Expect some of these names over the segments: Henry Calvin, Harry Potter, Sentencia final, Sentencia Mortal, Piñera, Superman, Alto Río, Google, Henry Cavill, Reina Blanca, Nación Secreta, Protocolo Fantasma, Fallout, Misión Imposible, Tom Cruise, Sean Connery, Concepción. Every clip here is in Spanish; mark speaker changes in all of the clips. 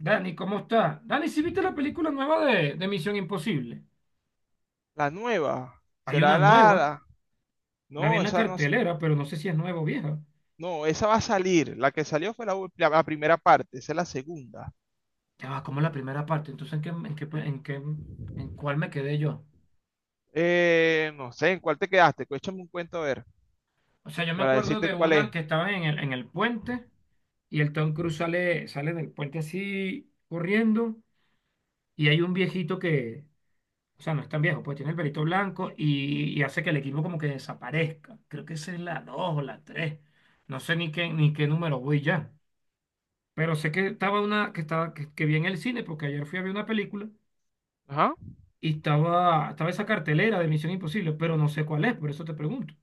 Speaker 1: Dani, ¿cómo está? Dani, ¿sí viste la película nueva de Misión Imposible?
Speaker 2: La nueva.
Speaker 1: Hay
Speaker 2: ¿Será
Speaker 1: una
Speaker 2: la,
Speaker 1: nueva,
Speaker 2: la-
Speaker 1: la vi
Speaker 2: No,
Speaker 1: en la
Speaker 2: esa no.
Speaker 1: cartelera, pero no sé si es nueva o vieja.
Speaker 2: No, esa va a salir. La que salió fue la primera parte. Esa es la segunda.
Speaker 1: Ya va, como la primera parte, entonces ¿en qué, en cuál me quedé yo?
Speaker 2: No sé, ¿en cuál te quedaste? Échame un cuento a ver,
Speaker 1: O sea, yo me
Speaker 2: para
Speaker 1: acuerdo
Speaker 2: decirte
Speaker 1: de
Speaker 2: cuál es.
Speaker 1: una que estaba en el puente y el Tom Cruise sale, sale del puente así corriendo y hay un viejito que, o sea, no es tan viejo, pues tiene el pelito blanco y hace que el equipo como que desaparezca. Creo que esa es la 2 o la 3. No sé ni qué, ni qué número voy ya. Pero sé que estaba una, que estaba, que vi en el cine, porque ayer fui a ver una película
Speaker 2: Ajá.
Speaker 1: y estaba, estaba esa cartelera de Misión Imposible, pero no sé cuál es, por eso te pregunto.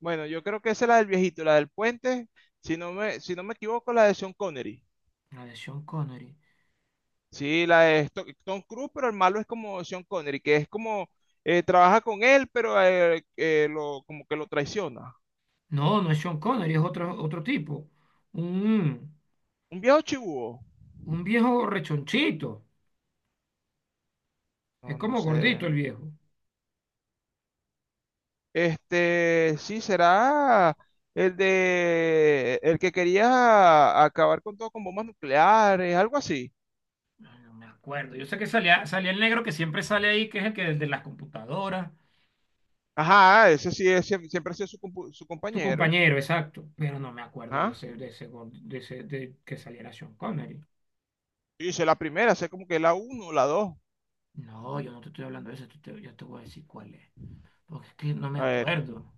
Speaker 2: Bueno, yo creo que esa es la del viejito, la del puente. Si no me equivoco, la de Sean Connery.
Speaker 1: La de Sean Connery.
Speaker 2: Sí, la de Tom Cruise, pero el malo es como Sean Connery, que es como trabaja con él, pero lo, como que lo traiciona.
Speaker 1: No, no es Sean Connery, es otro, otro tipo. Un,
Speaker 2: Un viejo chivo.
Speaker 1: un viejo rechonchito.
Speaker 2: No,
Speaker 1: Es
Speaker 2: no
Speaker 1: como gordito
Speaker 2: sé.
Speaker 1: el viejo.
Speaker 2: Este, sí, será el de el que quería acabar con todo con bombas nucleares, algo así.
Speaker 1: Ay, no me acuerdo. Yo sé que salía, salía el negro que siempre sale ahí, que es el que desde las computadoras.
Speaker 2: Ajá, ese sí es, siempre ha sido su, su
Speaker 1: Tu
Speaker 2: compañero.
Speaker 1: compañero, exacto. Pero no me acuerdo de
Speaker 2: Ajá.
Speaker 1: ese, de ese, de que saliera Sean Connery.
Speaker 2: Sí, sé la primera, sé como que la uno, la dos.
Speaker 1: No, yo no te estoy hablando de eso, yo te voy a decir cuál es. Porque es que no me
Speaker 2: A ver.
Speaker 1: acuerdo.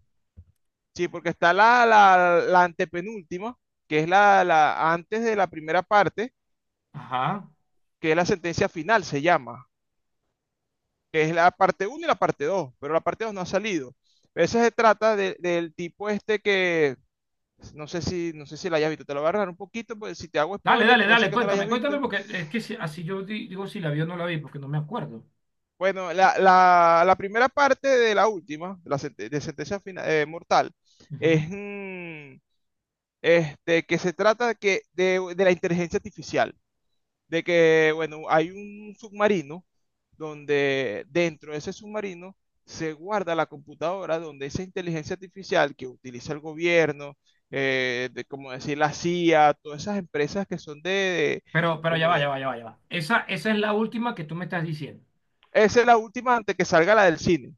Speaker 2: Sí, porque está la antepenúltima, que es la antes de la primera parte,
Speaker 1: Ajá.
Speaker 2: que es la sentencia final, se llama, que es la parte uno y la parte dos, pero la parte 2 no ha salido. Esa se trata del tipo este que... No sé no sé si la hayas visto, te lo voy a agarrar un poquito, pues si te hago
Speaker 1: Dale,
Speaker 2: spoiler,
Speaker 1: dale,
Speaker 2: puede ser
Speaker 1: dale,
Speaker 2: que no la hayas
Speaker 1: cuéntame,
Speaker 2: visto.
Speaker 1: cuéntame, porque es que así yo digo si la vi o no la vi, porque no me acuerdo.
Speaker 2: Bueno, la primera parte de la última, de la sente- de sentencia final mortal,
Speaker 1: Ujú.
Speaker 2: es este, que se trata que de la inteligencia artificial. De que, bueno, hay un submarino donde dentro de ese submarino se guarda la computadora donde esa inteligencia artificial que utiliza el gobierno, de, como decir la CIA, todas esas empresas que son
Speaker 1: Pero ya
Speaker 2: como
Speaker 1: va, ya
Speaker 2: de...
Speaker 1: va, ya va, ya va Esa, esa es la última que tú me estás diciendo.
Speaker 2: Esa es la última antes que salga la del cine.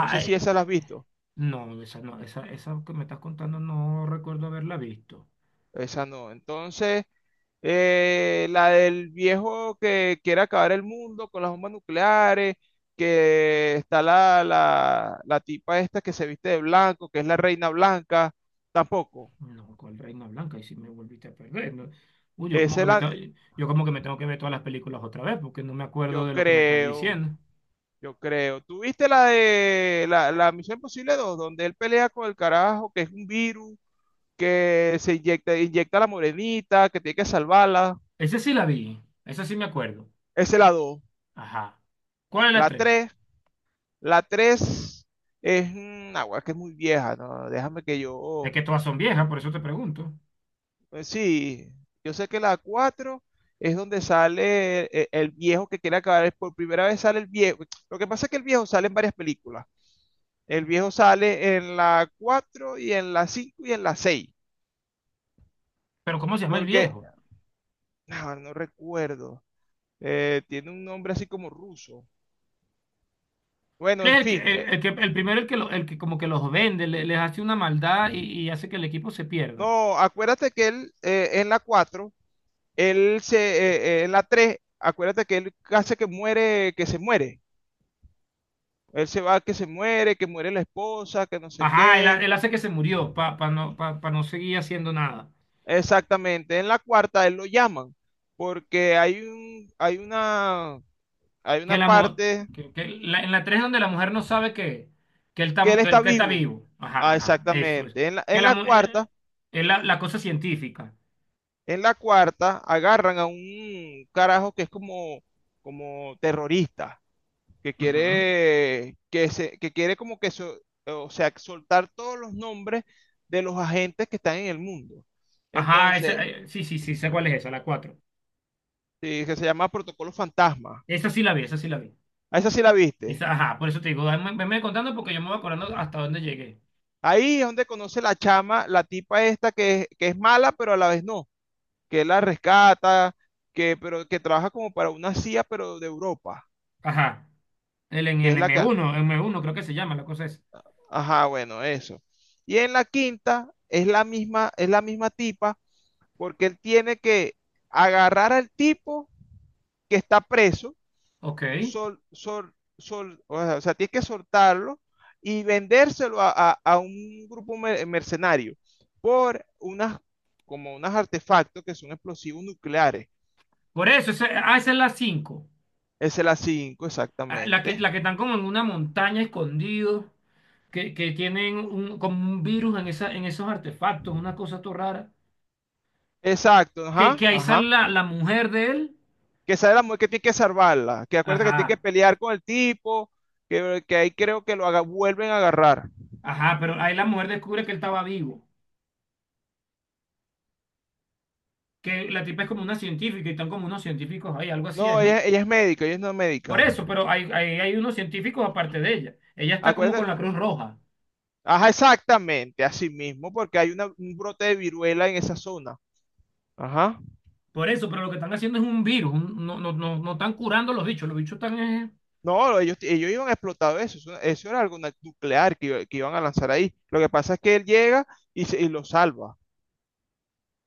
Speaker 2: No sé si esa la has visto.
Speaker 1: no, esa no, esa que me estás contando no recuerdo haberla visto.
Speaker 2: Esa no. Entonces, la del viejo que quiere acabar el mundo con las bombas nucleares, que está la tipa esta que se viste de blanco, que es la reina blanca, tampoco.
Speaker 1: No, ¿cuál Reina Blanca? Y si me volviste a perder, no. Uy, yo como
Speaker 2: Esa es
Speaker 1: que me
Speaker 2: la,
Speaker 1: tengo, yo como que me tengo que ver todas las películas otra vez, porque no me acuerdo
Speaker 2: yo
Speaker 1: de lo que me estás
Speaker 2: creo,
Speaker 1: diciendo.
Speaker 2: yo creo. ¿Tú viste la de la Misión Imposible dos donde él pelea con el carajo, que es un virus, que se inyecta a la morenita, que tiene que salvarla?
Speaker 1: Esa sí la vi, esa sí me acuerdo.
Speaker 2: Esa es la dos.
Speaker 1: Ajá. ¿Cuál es la
Speaker 2: La
Speaker 1: 3?
Speaker 2: tres, la 3 es una agua que es muy vieja, ¿no? Déjame que
Speaker 1: Es
Speaker 2: yo...
Speaker 1: que todas son viejas, por eso te pregunto.
Speaker 2: pues sí, yo sé que la 4 es donde sale el viejo que quiere acabar. Por primera vez sale el viejo. Lo que pasa es que el viejo sale en varias películas. El viejo sale en la 4 y en la 5 y en la seis.
Speaker 1: Pero ¿cómo se llama el
Speaker 2: Porque,
Speaker 1: viejo?
Speaker 2: ah, no, recuerdo. Tiene un nombre así como ruso.
Speaker 1: Él
Speaker 2: Bueno,
Speaker 1: es
Speaker 2: en fin,
Speaker 1: el que, el primero el que, el que como que los vende, les hace una maldad y hace que el equipo se pierda.
Speaker 2: no, acuérdate que él en la cuatro... Él se, en la 3, acuérdate que él hace que muere, que se muere. Él se va, que se muere, que muere la esposa, que no sé
Speaker 1: Ajá, él,
Speaker 2: qué.
Speaker 1: él hace que se murió para no, pa, pa no seguir haciendo nada.
Speaker 2: Exactamente. En la cuarta él lo llaman porque hay un, hay
Speaker 1: Que
Speaker 2: una
Speaker 1: la,
Speaker 2: parte
Speaker 1: que, en la 3 donde la mujer no sabe que él
Speaker 2: que
Speaker 1: tam
Speaker 2: él
Speaker 1: que
Speaker 2: está
Speaker 1: él que está
Speaker 2: vivo.
Speaker 1: vivo. Ajá,
Speaker 2: Ah,
Speaker 1: ajá, eso es.
Speaker 2: exactamente. En
Speaker 1: Que la, es la, la cosa científica.
Speaker 2: en la cuarta agarran a un carajo que es como, como terrorista, que
Speaker 1: Ajá.
Speaker 2: quiere, que se, que quiere como que, o sea, soltar todos los nombres de los agentes que están en el mundo.
Speaker 1: Ajá,
Speaker 2: Entonces,
Speaker 1: esa, sí, sí, sí, sé cuál es esa, la 4.
Speaker 2: sí, que se llama Protocolo Fantasma.
Speaker 1: Esa sí la vi, esa sí la vi.
Speaker 2: A esa sí la viste.
Speaker 1: Esa, ajá, por eso te digo, venme contando porque yo me voy acordando hasta dónde llegué.
Speaker 2: Ahí es donde conoce la chama, la tipa esta que que es mala, pero a la vez no, que la rescata, que, pero que trabaja como para una CIA, pero de Europa,
Speaker 1: Ajá, el, en
Speaker 2: que
Speaker 1: el
Speaker 2: es la que,
Speaker 1: m uno creo que se llama, la cosa es.
Speaker 2: ajá, bueno, eso. Y en la quinta es la misma tipa porque él tiene que agarrar al tipo que está preso,
Speaker 1: Ok,
Speaker 2: o sea, tiene que soltarlo y vendérselo a un grupo mercenario por unas, como unos artefactos que son explosivos nucleares.
Speaker 1: por eso, esa, ah, esa es la 5.
Speaker 2: Esa es la 5,
Speaker 1: Ah, la que,
Speaker 2: exactamente.
Speaker 1: la que están como en una montaña escondidos, que tienen un, como un virus en, esa, en esos artefactos, una cosa todo rara.
Speaker 2: Exacto, ajá,
Speaker 1: Que ahí sale
Speaker 2: ajá.
Speaker 1: la, la mujer de él.
Speaker 2: Que sale la mujer que tiene que salvarla, que acuerda que tiene que
Speaker 1: Ajá,
Speaker 2: pelear con el tipo, que ahí creo que lo haga, vuelven a agarrar.
Speaker 1: ajá, pero ahí la mujer descubre que él estaba vivo. Que la tipa es como una científica y están como unos científicos ahí, algo así es,
Speaker 2: No,
Speaker 1: ¿no?
Speaker 2: ella es médica, ella es no
Speaker 1: Por
Speaker 2: médica.
Speaker 1: eso, pero hay unos científicos aparte de ella. Ella está como con
Speaker 2: Acuérdate,
Speaker 1: la Cruz Roja.
Speaker 2: ajá, exactamente, así mismo, porque hay una- un brote de viruela en esa zona. Ajá.
Speaker 1: Por eso, pero lo que están haciendo es un virus. No, no, no, no están curando los bichos. Los bichos están.
Speaker 2: No, ellos iban a explotar eso era algo nuclear que, que iban a lanzar ahí. Lo que pasa es que él llega y, y lo salva.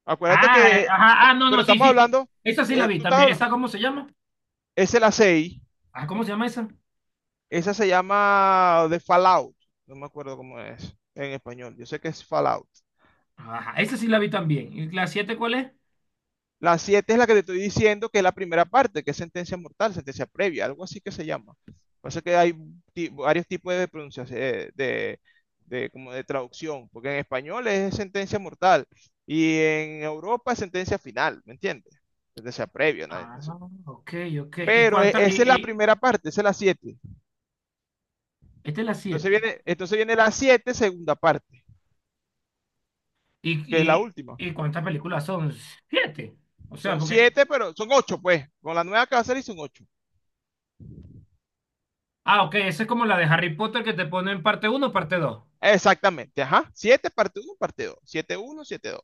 Speaker 2: Acuérdate
Speaker 1: Ah,
Speaker 2: que,
Speaker 1: ajá, ah, no, no,
Speaker 2: pero
Speaker 1: sí,
Speaker 2: estamos
Speaker 1: sí, sí.
Speaker 2: hablando,
Speaker 1: Esa sí la vi
Speaker 2: tú estás
Speaker 1: también. ¿Esa
Speaker 2: hablando,
Speaker 1: cómo se llama?
Speaker 2: es la 6,
Speaker 1: Ah, ¿cómo se llama esa?
Speaker 2: esa se llama de Fallout, no me acuerdo cómo es en español, yo sé que es Fallout.
Speaker 1: Ajá, esa sí la vi también. ¿Y la 7 cuál es?
Speaker 2: La 7 es la que te estoy diciendo que es la primera parte, que es sentencia mortal, sentencia previa, algo así que se llama. Pasa que hay varios tipos de pronunciación, de, como de traducción, porque en español es sentencia mortal y en Europa es sentencia final, ¿me entiendes? Sentencia previa, nada,
Speaker 1: Ah,
Speaker 2: nada.
Speaker 1: ok, ok. ¿Y
Speaker 2: Pero
Speaker 1: cuántas?
Speaker 2: esa es la primera parte, esa es la siete.
Speaker 1: Esta es la 7.
Speaker 2: Entonces viene la 7 segunda parte,
Speaker 1: ¿Y,
Speaker 2: que es la
Speaker 1: y,
Speaker 2: última.
Speaker 1: y cuántas películas son? 7. O sea,
Speaker 2: Son
Speaker 1: porque
Speaker 2: siete, pero son ocho, pues. Con la nueva que va a salir son ocho.
Speaker 1: ah, ok, esa es como la de Harry Potter que te pone en parte uno, o parte dos.
Speaker 2: Exactamente, ajá. 7 parte uno, parte dos. Siete uno, siete dos.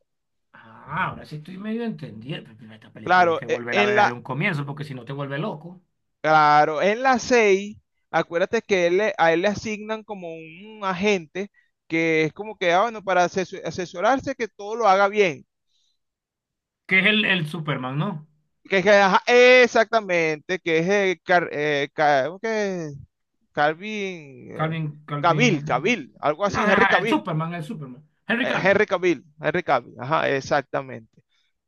Speaker 1: Ah, ahora sí estoy medio entendiendo. Pero esta película hay
Speaker 2: Claro,
Speaker 1: que volverla a ver desde un comienzo porque si no te vuelve loco.
Speaker 2: claro, en la 6, acuérdate que él a él le asignan como un agente que es como que, ah, bueno, para asesorarse que todo lo haga bien.
Speaker 1: Que es el Superman, ¿no?
Speaker 2: Que, ajá, exactamente, que es ¿cómo que es? Calvin,
Speaker 1: Calvin,
Speaker 2: Cavill,
Speaker 1: Calvin.
Speaker 2: Cavill, algo
Speaker 1: Ah, no,
Speaker 2: así, Henry
Speaker 1: ajá, el
Speaker 2: Cavill,
Speaker 1: Superman, el Superman. Henry Calvin.
Speaker 2: Henry Cavill, ajá, exactamente.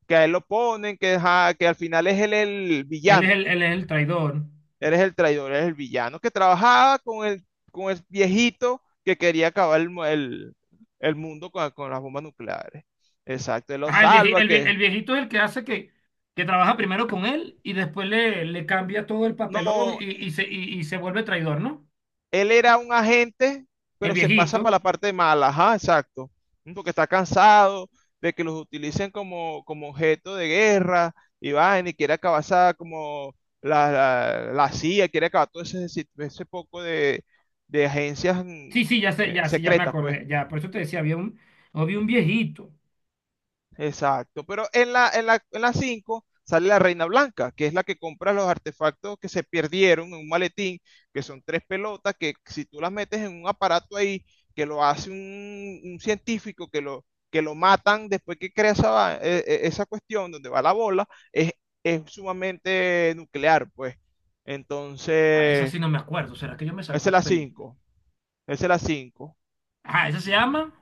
Speaker 2: Que a él lo ponen, que, ajá, que al final es él el villano.
Speaker 1: Él es el traidor.
Speaker 2: Eres el traidor, eres el villano que trabajaba con el viejito que quería acabar el mundo con las bombas nucleares. Exacto, él lo
Speaker 1: Ah, el viejito,
Speaker 2: salva, que
Speaker 1: el viejito es el que hace que trabaja primero con él y después le, le cambia todo el papelón
Speaker 2: no,
Speaker 1: y se, y se vuelve traidor, ¿no?
Speaker 2: él era un agente,
Speaker 1: El
Speaker 2: pero se pasa para
Speaker 1: viejito.
Speaker 2: la parte mala, ajá, exacto, porque está cansado de que los utilicen como, como objeto de guerra y va, y quiere acabar como la CIA, quiere acabar todo ese, ese poco de agencias
Speaker 1: Sí, sí, ya sé, ya, sí, ya me
Speaker 2: secretas, pues.
Speaker 1: acordé. Ya, por eso te decía, había un viejito.
Speaker 2: Exacto, pero en en la 5 sale la Reina Blanca, que es la que compra los artefactos que se perdieron en un maletín, que son tres pelotas, que si tú las metes en un aparato ahí, que lo hace un científico, que lo matan después que crea esa, esa cuestión donde va la bola, es sumamente nuclear, pues.
Speaker 1: Ah, esa
Speaker 2: Entonces,
Speaker 1: sí no me acuerdo. ¿Será que yo me salté
Speaker 2: esa es
Speaker 1: una
Speaker 2: la
Speaker 1: película?
Speaker 2: cinco, esa es la cinco.
Speaker 1: Ah, esa se
Speaker 2: Ujú.
Speaker 1: llama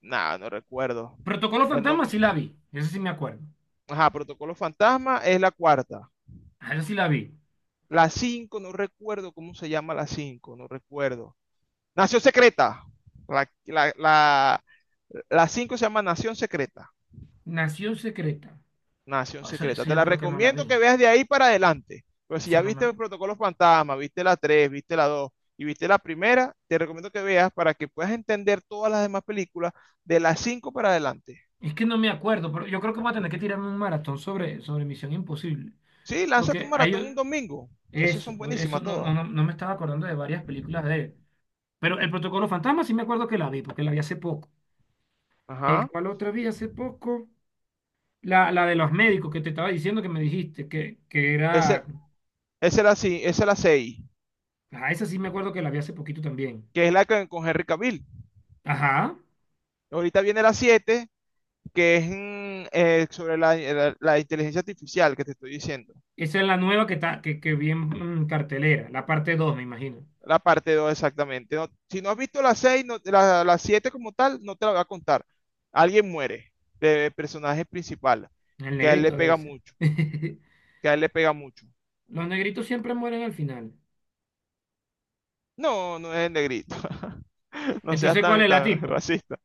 Speaker 2: Nada, no recuerdo.
Speaker 1: Protocolo
Speaker 2: El
Speaker 1: Fantasma,
Speaker 2: nombre...
Speaker 1: sí la vi. Esa sí me acuerdo.
Speaker 2: Ajá, Protocolo Fantasma es la cuarta.
Speaker 1: Ah, esa sí la vi.
Speaker 2: La 5 no recuerdo cómo se llama, la 5 no recuerdo. Nación Secreta. La, la, la, la 5 se llama Nación Secreta.
Speaker 1: Nación Secreta.
Speaker 2: Nación
Speaker 1: Ah, Eso,
Speaker 2: Secreta.
Speaker 1: eso
Speaker 2: Te
Speaker 1: yo
Speaker 2: la
Speaker 1: creo que no la
Speaker 2: recomiendo que
Speaker 1: vi.
Speaker 2: veas de ahí para adelante. Pero si
Speaker 1: Esa
Speaker 2: ya
Speaker 1: no
Speaker 2: viste el Protocolo Fantasma, viste la tres, viste la 2 y viste la primera, te recomiendo que veas para que puedas entender todas las demás películas de las 5 para adelante.
Speaker 1: es que no me acuerdo, pero yo creo que voy a tener que tirarme un maratón sobre Misión Imposible.
Speaker 2: Sí, lánzate
Speaker 1: Porque
Speaker 2: un maratón
Speaker 1: hay
Speaker 2: un domingo. Esas
Speaker 1: eso,
Speaker 2: son
Speaker 1: pues, eso
Speaker 2: buenísimas
Speaker 1: no, no,
Speaker 2: todas.
Speaker 1: no, no me estaba acordando de varias películas de él. Pero el Protocolo Fantasma sí me acuerdo que la vi, porque la vi hace poco.
Speaker 2: Ajá.
Speaker 1: ¿Cuál otra vi hace poco? La de los médicos que te estaba diciendo que me dijiste, que
Speaker 2: Esa,
Speaker 1: era...
Speaker 2: esa es la seis,
Speaker 1: Ajá, esa sí me acuerdo que la vi hace poquito también.
Speaker 2: que es la que, con Henry Cavill.
Speaker 1: Ajá.
Speaker 2: Ahorita viene la siete, que es sobre la inteligencia artificial que te estoy diciendo.
Speaker 1: Esa es la nueva que, está, que vi en, cartelera, la parte 2 me imagino.
Speaker 2: La parte dos, exactamente. No, si no has visto la 6 la 7 como tal, no te la voy a contar. Alguien muere de personaje principal,
Speaker 1: El
Speaker 2: que a él le
Speaker 1: negrito debe
Speaker 2: pega
Speaker 1: ser.
Speaker 2: mucho, que a él le pega mucho.
Speaker 1: Los negritos siempre mueren al final.
Speaker 2: No, no es el negrito. No seas
Speaker 1: Entonces, ¿cuál es la
Speaker 2: tan
Speaker 1: tipa?
Speaker 2: racista.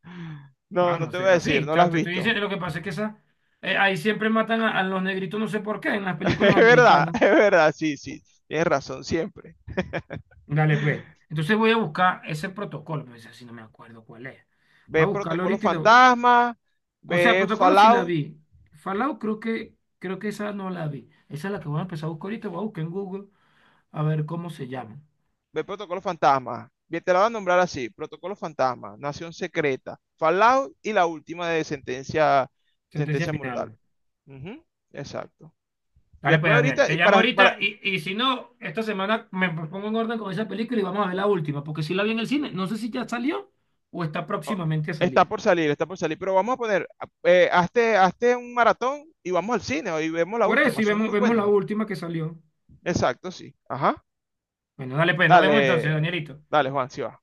Speaker 2: No,
Speaker 1: No,
Speaker 2: no
Speaker 1: no
Speaker 2: te
Speaker 1: soy
Speaker 2: voy a decir, no la
Speaker 1: racista,
Speaker 2: has
Speaker 1: te estoy
Speaker 2: visto.
Speaker 1: diciendo. Lo que pasa es que esa, ahí siempre matan a los negritos, no sé por qué, en las películas americanas.
Speaker 2: Es verdad, sí, sí. Tienes razón siempre.
Speaker 1: Dale, pues. Entonces voy a buscar ese protocolo, pero ese sí no me acuerdo cuál es. Voy a
Speaker 2: Ve
Speaker 1: buscarlo
Speaker 2: Protocolo
Speaker 1: ahorita y lo,
Speaker 2: Fantasma,
Speaker 1: o sea,
Speaker 2: ve
Speaker 1: Protocolo sí la
Speaker 2: Fallout.
Speaker 1: vi. Fallout creo que esa no la vi. Esa es la que voy a empezar a buscar ahorita. Voy a buscar en Google a ver cómo se llama.
Speaker 2: Ve Protocolo Fantasma. Bien, te la voy a nombrar así. Protocolo Fantasma, Nación Secreta, Fallout y la última de Sentencia,
Speaker 1: Sentencia
Speaker 2: Sentencia Mortal.
Speaker 1: final.
Speaker 2: Ujú, exacto.
Speaker 1: Dale pues,
Speaker 2: Después
Speaker 1: Daniel.
Speaker 2: ahorita,
Speaker 1: Te
Speaker 2: y
Speaker 1: llamo ahorita y si no, esta semana me pongo en orden con esa película y vamos a ver la última, porque si la vi en el cine, no sé si ya salió o está
Speaker 2: oh,
Speaker 1: próximamente a salir.
Speaker 2: está por salir, pero vamos a poner, hazte, hazte un maratón y vamos al cine y vemos la
Speaker 1: Por eso,
Speaker 2: última.
Speaker 1: y
Speaker 2: Son
Speaker 1: vemos,
Speaker 2: muy
Speaker 1: vemos la
Speaker 2: buenas.
Speaker 1: última que salió.
Speaker 2: Exacto, sí. Ajá.
Speaker 1: Bueno, dale pues, nos vemos entonces,
Speaker 2: Dale,
Speaker 1: Danielito.
Speaker 2: dale, Juan, sí va.